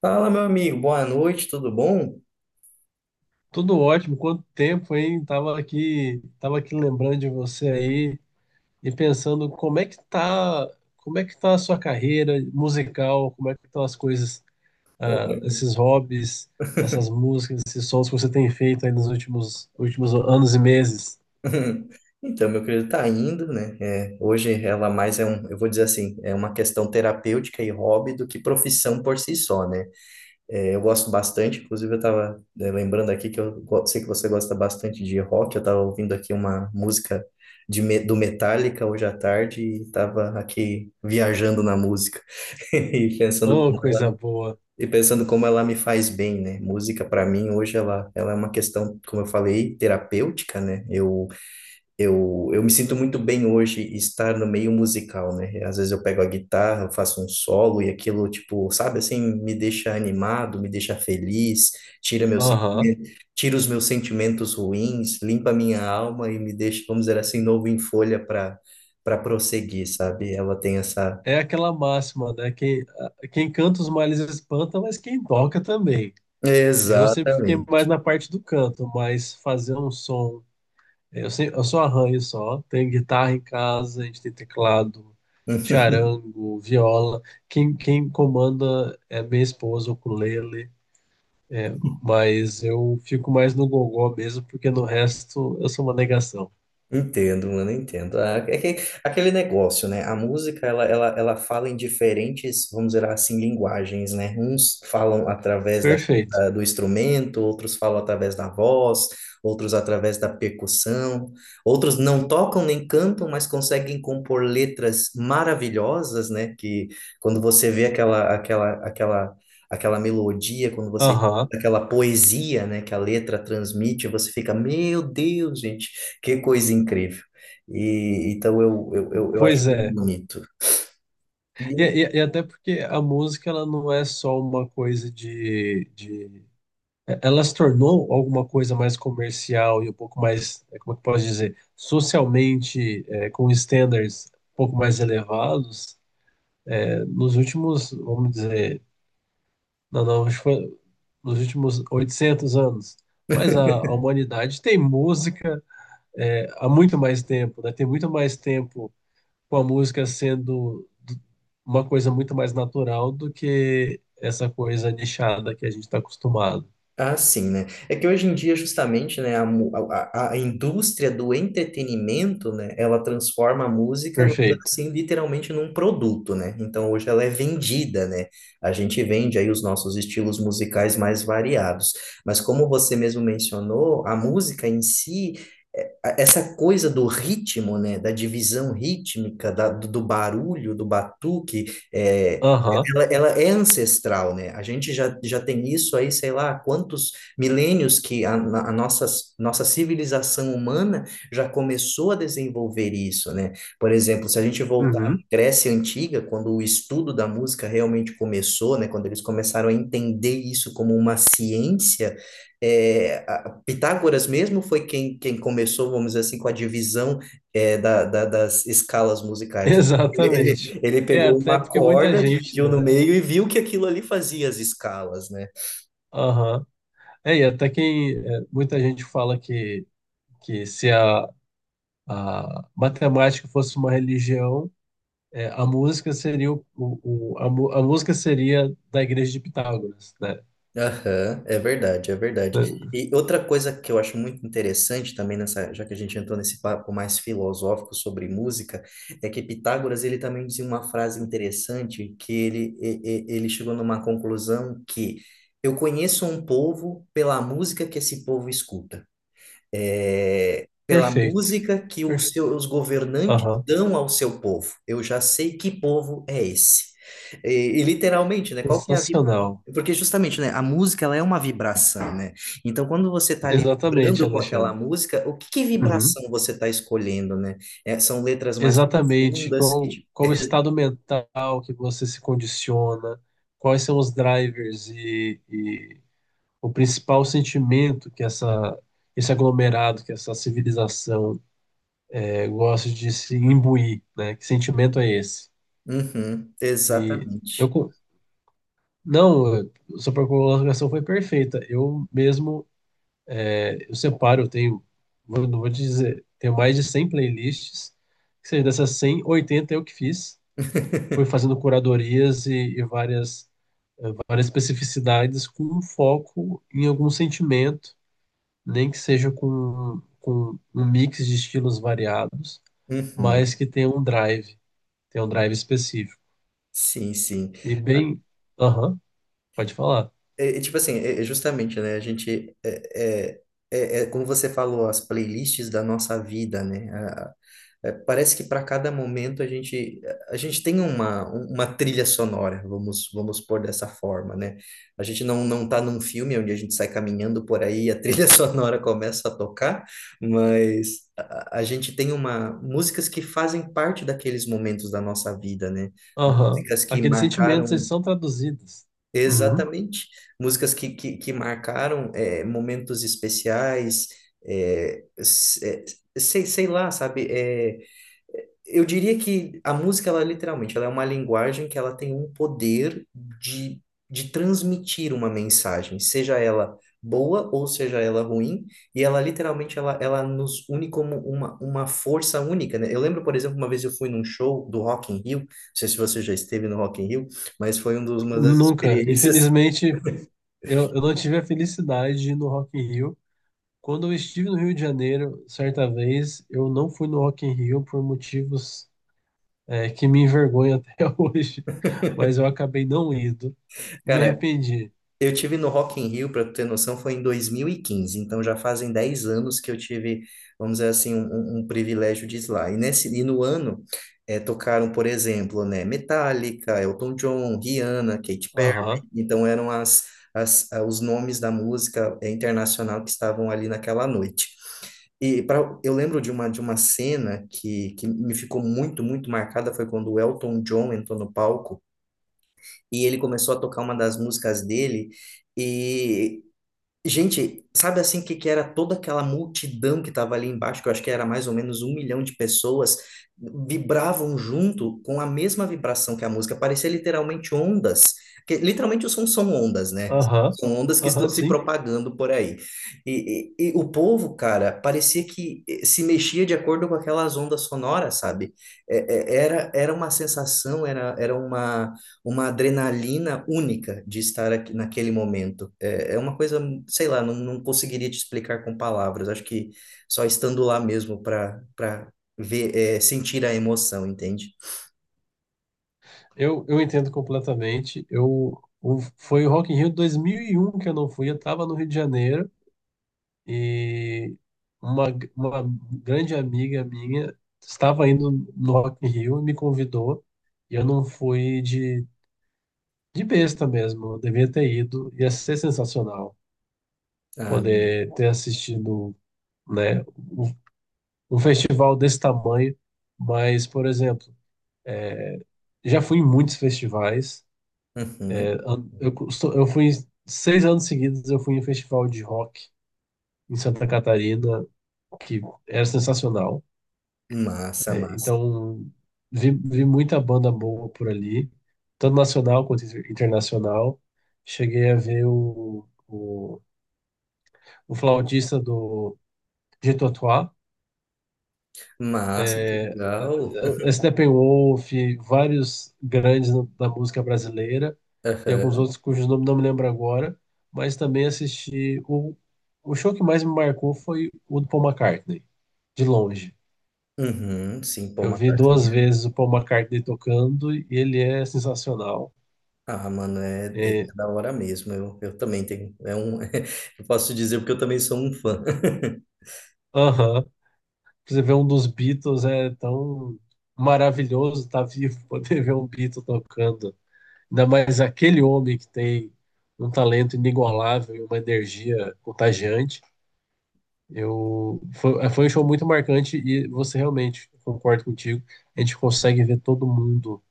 Fala, meu amigo, boa noite, tudo bom? Tudo ótimo, quanto tempo, hein? Tava aqui lembrando de você aí e pensando como é que tá a sua carreira musical, como é que estão as coisas, Pô. Esses hobbies, essas músicas, esses sons que você tem feito aí nos últimos anos e meses. Então, meu querido, tá indo, né? É, hoje ela mais é um, eu vou dizer assim, é uma questão terapêutica e hobby do que profissão por si só, né? É, eu gosto bastante. Inclusive, eu tava, né, lembrando aqui que sei que você gosta bastante de rock. Eu tava ouvindo aqui uma música do Metallica hoje à tarde e tava aqui viajando na música. E pensando, Oh, coisa boa. e pensando como ela me faz bem, né? Música para mim hoje ela é uma questão, como eu falei, terapêutica, né? Eu me sinto muito bem hoje estar no meio musical, né? Às vezes eu pego a guitarra, eu faço um solo e aquilo, tipo, sabe assim, me deixa animado, me deixa feliz, tira meu Aham. sentimento, tira os meus sentimentos ruins, limpa minha alma e me deixa, vamos dizer assim, novo em folha para prosseguir, sabe? Ela tem essa. É aquela máxima, né? Quem canta os males espanta, mas quem toca também. Eu sempre fiquei mais Exatamente. na parte do canto, mas fazer um som. Eu só arranho só. Tenho guitarra em casa, a gente tem teclado, charango, viola. Quem comanda é minha esposa, o ukulele. Mas eu fico mais no gogó mesmo, porque no resto eu sou uma negação. Entendo, mano, entendo. Ah, é que aquele negócio, né? A música, ela fala em diferentes, vamos dizer assim, linguagens, né? Uns falam através Perfeito. Do instrumento, outros falam através da voz, outros através da percussão, outros não tocam nem cantam, mas conseguem compor letras maravilhosas, né? Que quando você vê aquela melodia, quando você Aham. daquela poesia, né, que a letra transmite, você fica, meu Deus, gente, que coisa incrível. E então eu acho Pois muito é. bonito. E E até porque a música ela não é só uma coisa de. Ela se tornou alguma coisa mais comercial e um pouco mais, como é que eu posso dizer, socialmente, com standards um pouco mais elevados, nos últimos, vamos dizer, não, não, acho que foi nos últimos 800 anos. Mas a humanidade tem música, há muito mais tempo, né? Tem muito mais tempo com a música sendo uma coisa muito mais natural do que essa coisa nichada que a gente está acostumado. Ah, sim, né? É que hoje em dia, justamente, né, a, mu- a indústria do entretenimento, né, ela transforma a música, vamos dizer Perfeito. assim, literalmente num produto, né? Então, hoje ela é vendida, né? A gente vende aí os nossos estilos musicais mais variados. Mas como você mesmo mencionou, a música em si, é- a- essa coisa do ritmo, né, da divisão rítmica, da, do barulho, do batuque, é, Aham. ela é ancestral, né? A gente já tem isso aí, sei lá, há quantos milênios que a nossa, civilização humana já começou a desenvolver isso, né? Por exemplo, se a gente voltar à Uhum. Grécia Antiga, quando o estudo da música realmente começou, né? Quando eles começaram a entender isso como uma ciência, é, Pitágoras mesmo foi quem começou, vamos dizer assim, com a divisão, é, da, das escalas musicais, né? Ele, Exatamente. ele ele É, pegou uma até porque muita corda, gente, dividiu no né? meio e viu que aquilo ali fazia as escalas, né? Aham. Muita gente fala que, se a matemática fosse uma religião, a música seria da igreja de Pitágoras, né? Aham, é verdade, é verdade. Da- E outra coisa que eu acho muito interessante também nessa, já que a gente entrou nesse papo mais filosófico sobre música, é que Pitágoras, ele também dizia uma frase interessante que ele chegou numa conclusão que eu conheço um povo pela música que esse povo escuta, é, pela Perfeito. música que os Perfeito. seus governantes Aham. dão ao seu povo. Eu já sei que povo é esse. E, e literalmente, né? Qual que é a vib-. Sensacional. Porque justamente, né? A música, ela é uma vibração, né? Então, quando você está ali Exatamente, vibrando com aquela Alexandre. música, o que que Uhum. vibração você está escolhendo, né? É, são letras mais Exatamente, profundas que qual, te-. qual o estado mental que você se condiciona, quais são os drivers e o principal sentimento que essa, esse aglomerado, que essa civilização gosta de se imbuir, né? Que sentimento é esse? Uhum, E eu, exatamente. co- não, sua colocação foi perfeita. Eu mesmo, eu separo, eu tenho, não vou dizer, tenho mais de 100 playlists, que seja dessas 100, 80 eu que fiz. Fui fazendo curadorias e, várias, várias especificidades com um foco em algum sentimento, nem que seja com um mix de estilos variados, mas Uhum, que tenha um drive específico. sim, sim. E bem, aham, pode falar. É, é tipo assim, é justamente, né? A gente é, é como você falou, as playlists da nossa vida, né? A- é, parece que para cada momento a gente tem uma trilha sonora, vamos pôr dessa forma, né? A gente não tá num filme onde a gente sai caminhando por aí, e a trilha sonora começa a tocar, mas a gente tem uma músicas que fazem parte daqueles momentos da nossa vida, né? Aham, Músicas que aqueles sentimentos eles marcaram. são traduzidos. Uhum. Exatamente. Músicas que marcaram é, momentos especiais, é, é, sei lá, sabe? É, eu diria que a música, ela literalmente, ela é uma linguagem que ela tem um poder de, de transmitir uma mensagem, seja ela boa ou seja ela ruim, e ela literalmente, ela nos une como uma força única, né? Eu lembro, por exemplo, uma vez eu fui num show do Rock in Rio, não sei se você já esteve no Rock in Rio, mas foi uma das Nunca, experiências. infelizmente, eu não tive a felicidade de ir no Rock in Rio. Quando eu estive no Rio de Janeiro, certa vez, eu não fui no Rock in Rio por motivos que me envergonha até hoje, mas eu acabei não indo e me Cara, arrependi. eu tive no Rock in Rio, para ter noção, foi em 2015, então já fazem 10 anos que eu tive, vamos dizer assim, um privilégio de ir lá. E nesse e no ano tocaram, por exemplo, né, Metallica, Elton John, Rihanna, Katy Perry. Aham, Então eram os nomes da música internacional que estavam ali naquela noite. Eu lembro de uma cena que me ficou muito, muito marcada, foi quando o Elton John entrou no palco e ele começou a tocar uma das músicas dele, e gente, sabe assim o que que era toda aquela multidão que estava ali embaixo, que eu acho que era mais ou menos 1 milhão de pessoas, vibravam junto com a mesma vibração que a música, parecia literalmente ondas, que literalmente o som são ondas, né? aham, São ondas que estão aham, se sim. propagando por aí. E o povo, cara, parecia que se mexia de acordo com aquelas ondas sonoras, sabe? Era uma sensação, era uma adrenalina única de estar aqui naquele momento. É uma coisa, sei lá, não conseguiria te explicar com palavras. Acho que só estando lá mesmo para ver, é, sentir a emoção, entende? Eu entendo completamente. Foi o Rock in Rio 2001 que eu não fui, eu estava no Rio de Janeiro e uma, uma grande amiga minha estava indo no Rock in Rio e me convidou e eu não fui de besta mesmo, eu devia ter ido, ia ser sensacional Ah, poder ter assistido, né, o um festival desse tamanho, mas, por exemplo, já fui em muitos festivais. uhum. Eu, costu- eu fui em- 6 anos seguidos, eu fui em um festival de rock em Santa Catarina, que era sensacional. Massa, É, massa. então, vi muita banda boa por ali, tanto nacional quanto internacional. Cheguei a ver o flautista do Jethro Tull, Massa, que legal. a Steppenwolf, vários grandes da música brasileira e alguns Aham. outros cujos nomes não me lembro agora, mas também assisti o show que mais me marcou foi o do Paul McCartney, de longe. Uhum. Sim, pô, Eu vi duas McCartney. vezes o Paul McCartney tocando e ele é sensacional. Ah, mano, é, é É, da hora mesmo. Eu também tenho. É um, eu posso dizer porque eu também sou um fã. aham, você vê um dos Beatles é tão maravilhoso estar vivo, poder ver um Beatle tocando. Ainda mais aquele homem que tem um talento inigualável e uma energia contagiante. Foi um show muito marcante e você realmente, concordo contigo, a gente consegue ver todo mundo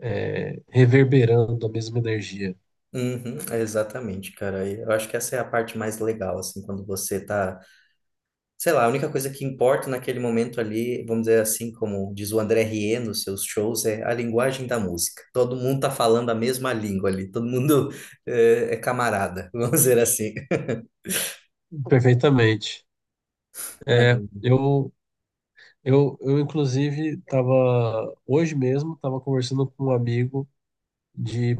reverberando a mesma energia Uhum, exatamente, cara. Eu acho que essa é a parte mais legal, assim, quando você tá sei lá, a única coisa que importa naquele momento ali, vamos dizer assim, como diz o André Rieu nos seus shows, é a linguagem da música. Todo mundo tá falando a mesma língua ali, todo mundo é, camarada, vamos dizer assim. perfeitamente. Ah, É, eu, inclusive, estava hoje mesmo, estava conversando com um amigo de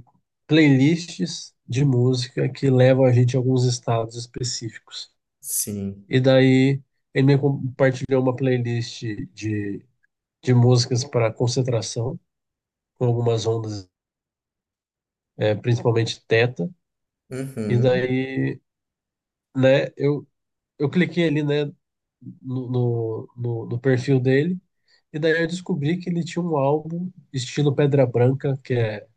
playlists de música que levam a gente a alguns estados específicos. sim. E daí ele me compartilhou uma playlist de, de músicas para concentração, com algumas ondas, principalmente teta. E Uhum, daí, né, eu cliquei ali, né, no perfil dele. E daí eu descobri que ele tinha um álbum estilo Pedra Branca, que é,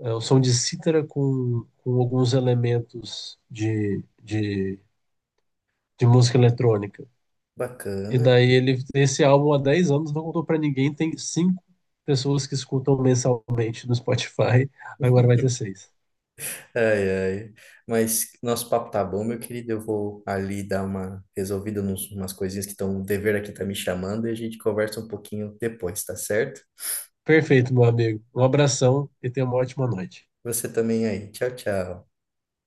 é o som de cítara com alguns elementos de música eletrônica. E bacana. daí ele, esse álbum há 10 anos não contou pra ninguém, tem cinco pessoas que escutam mensalmente no Spotify, agora vai ter seis. Ai, ai. Mas nosso papo tá bom, meu querido. Eu vou ali dar uma resolvida nos umas coisinhas que estão, o dever aqui tá me chamando e a gente conversa um pouquinho depois, tá certo? Perfeito, meu amigo. Um abração e tenha uma ótima noite. Você também aí. Tchau, tchau.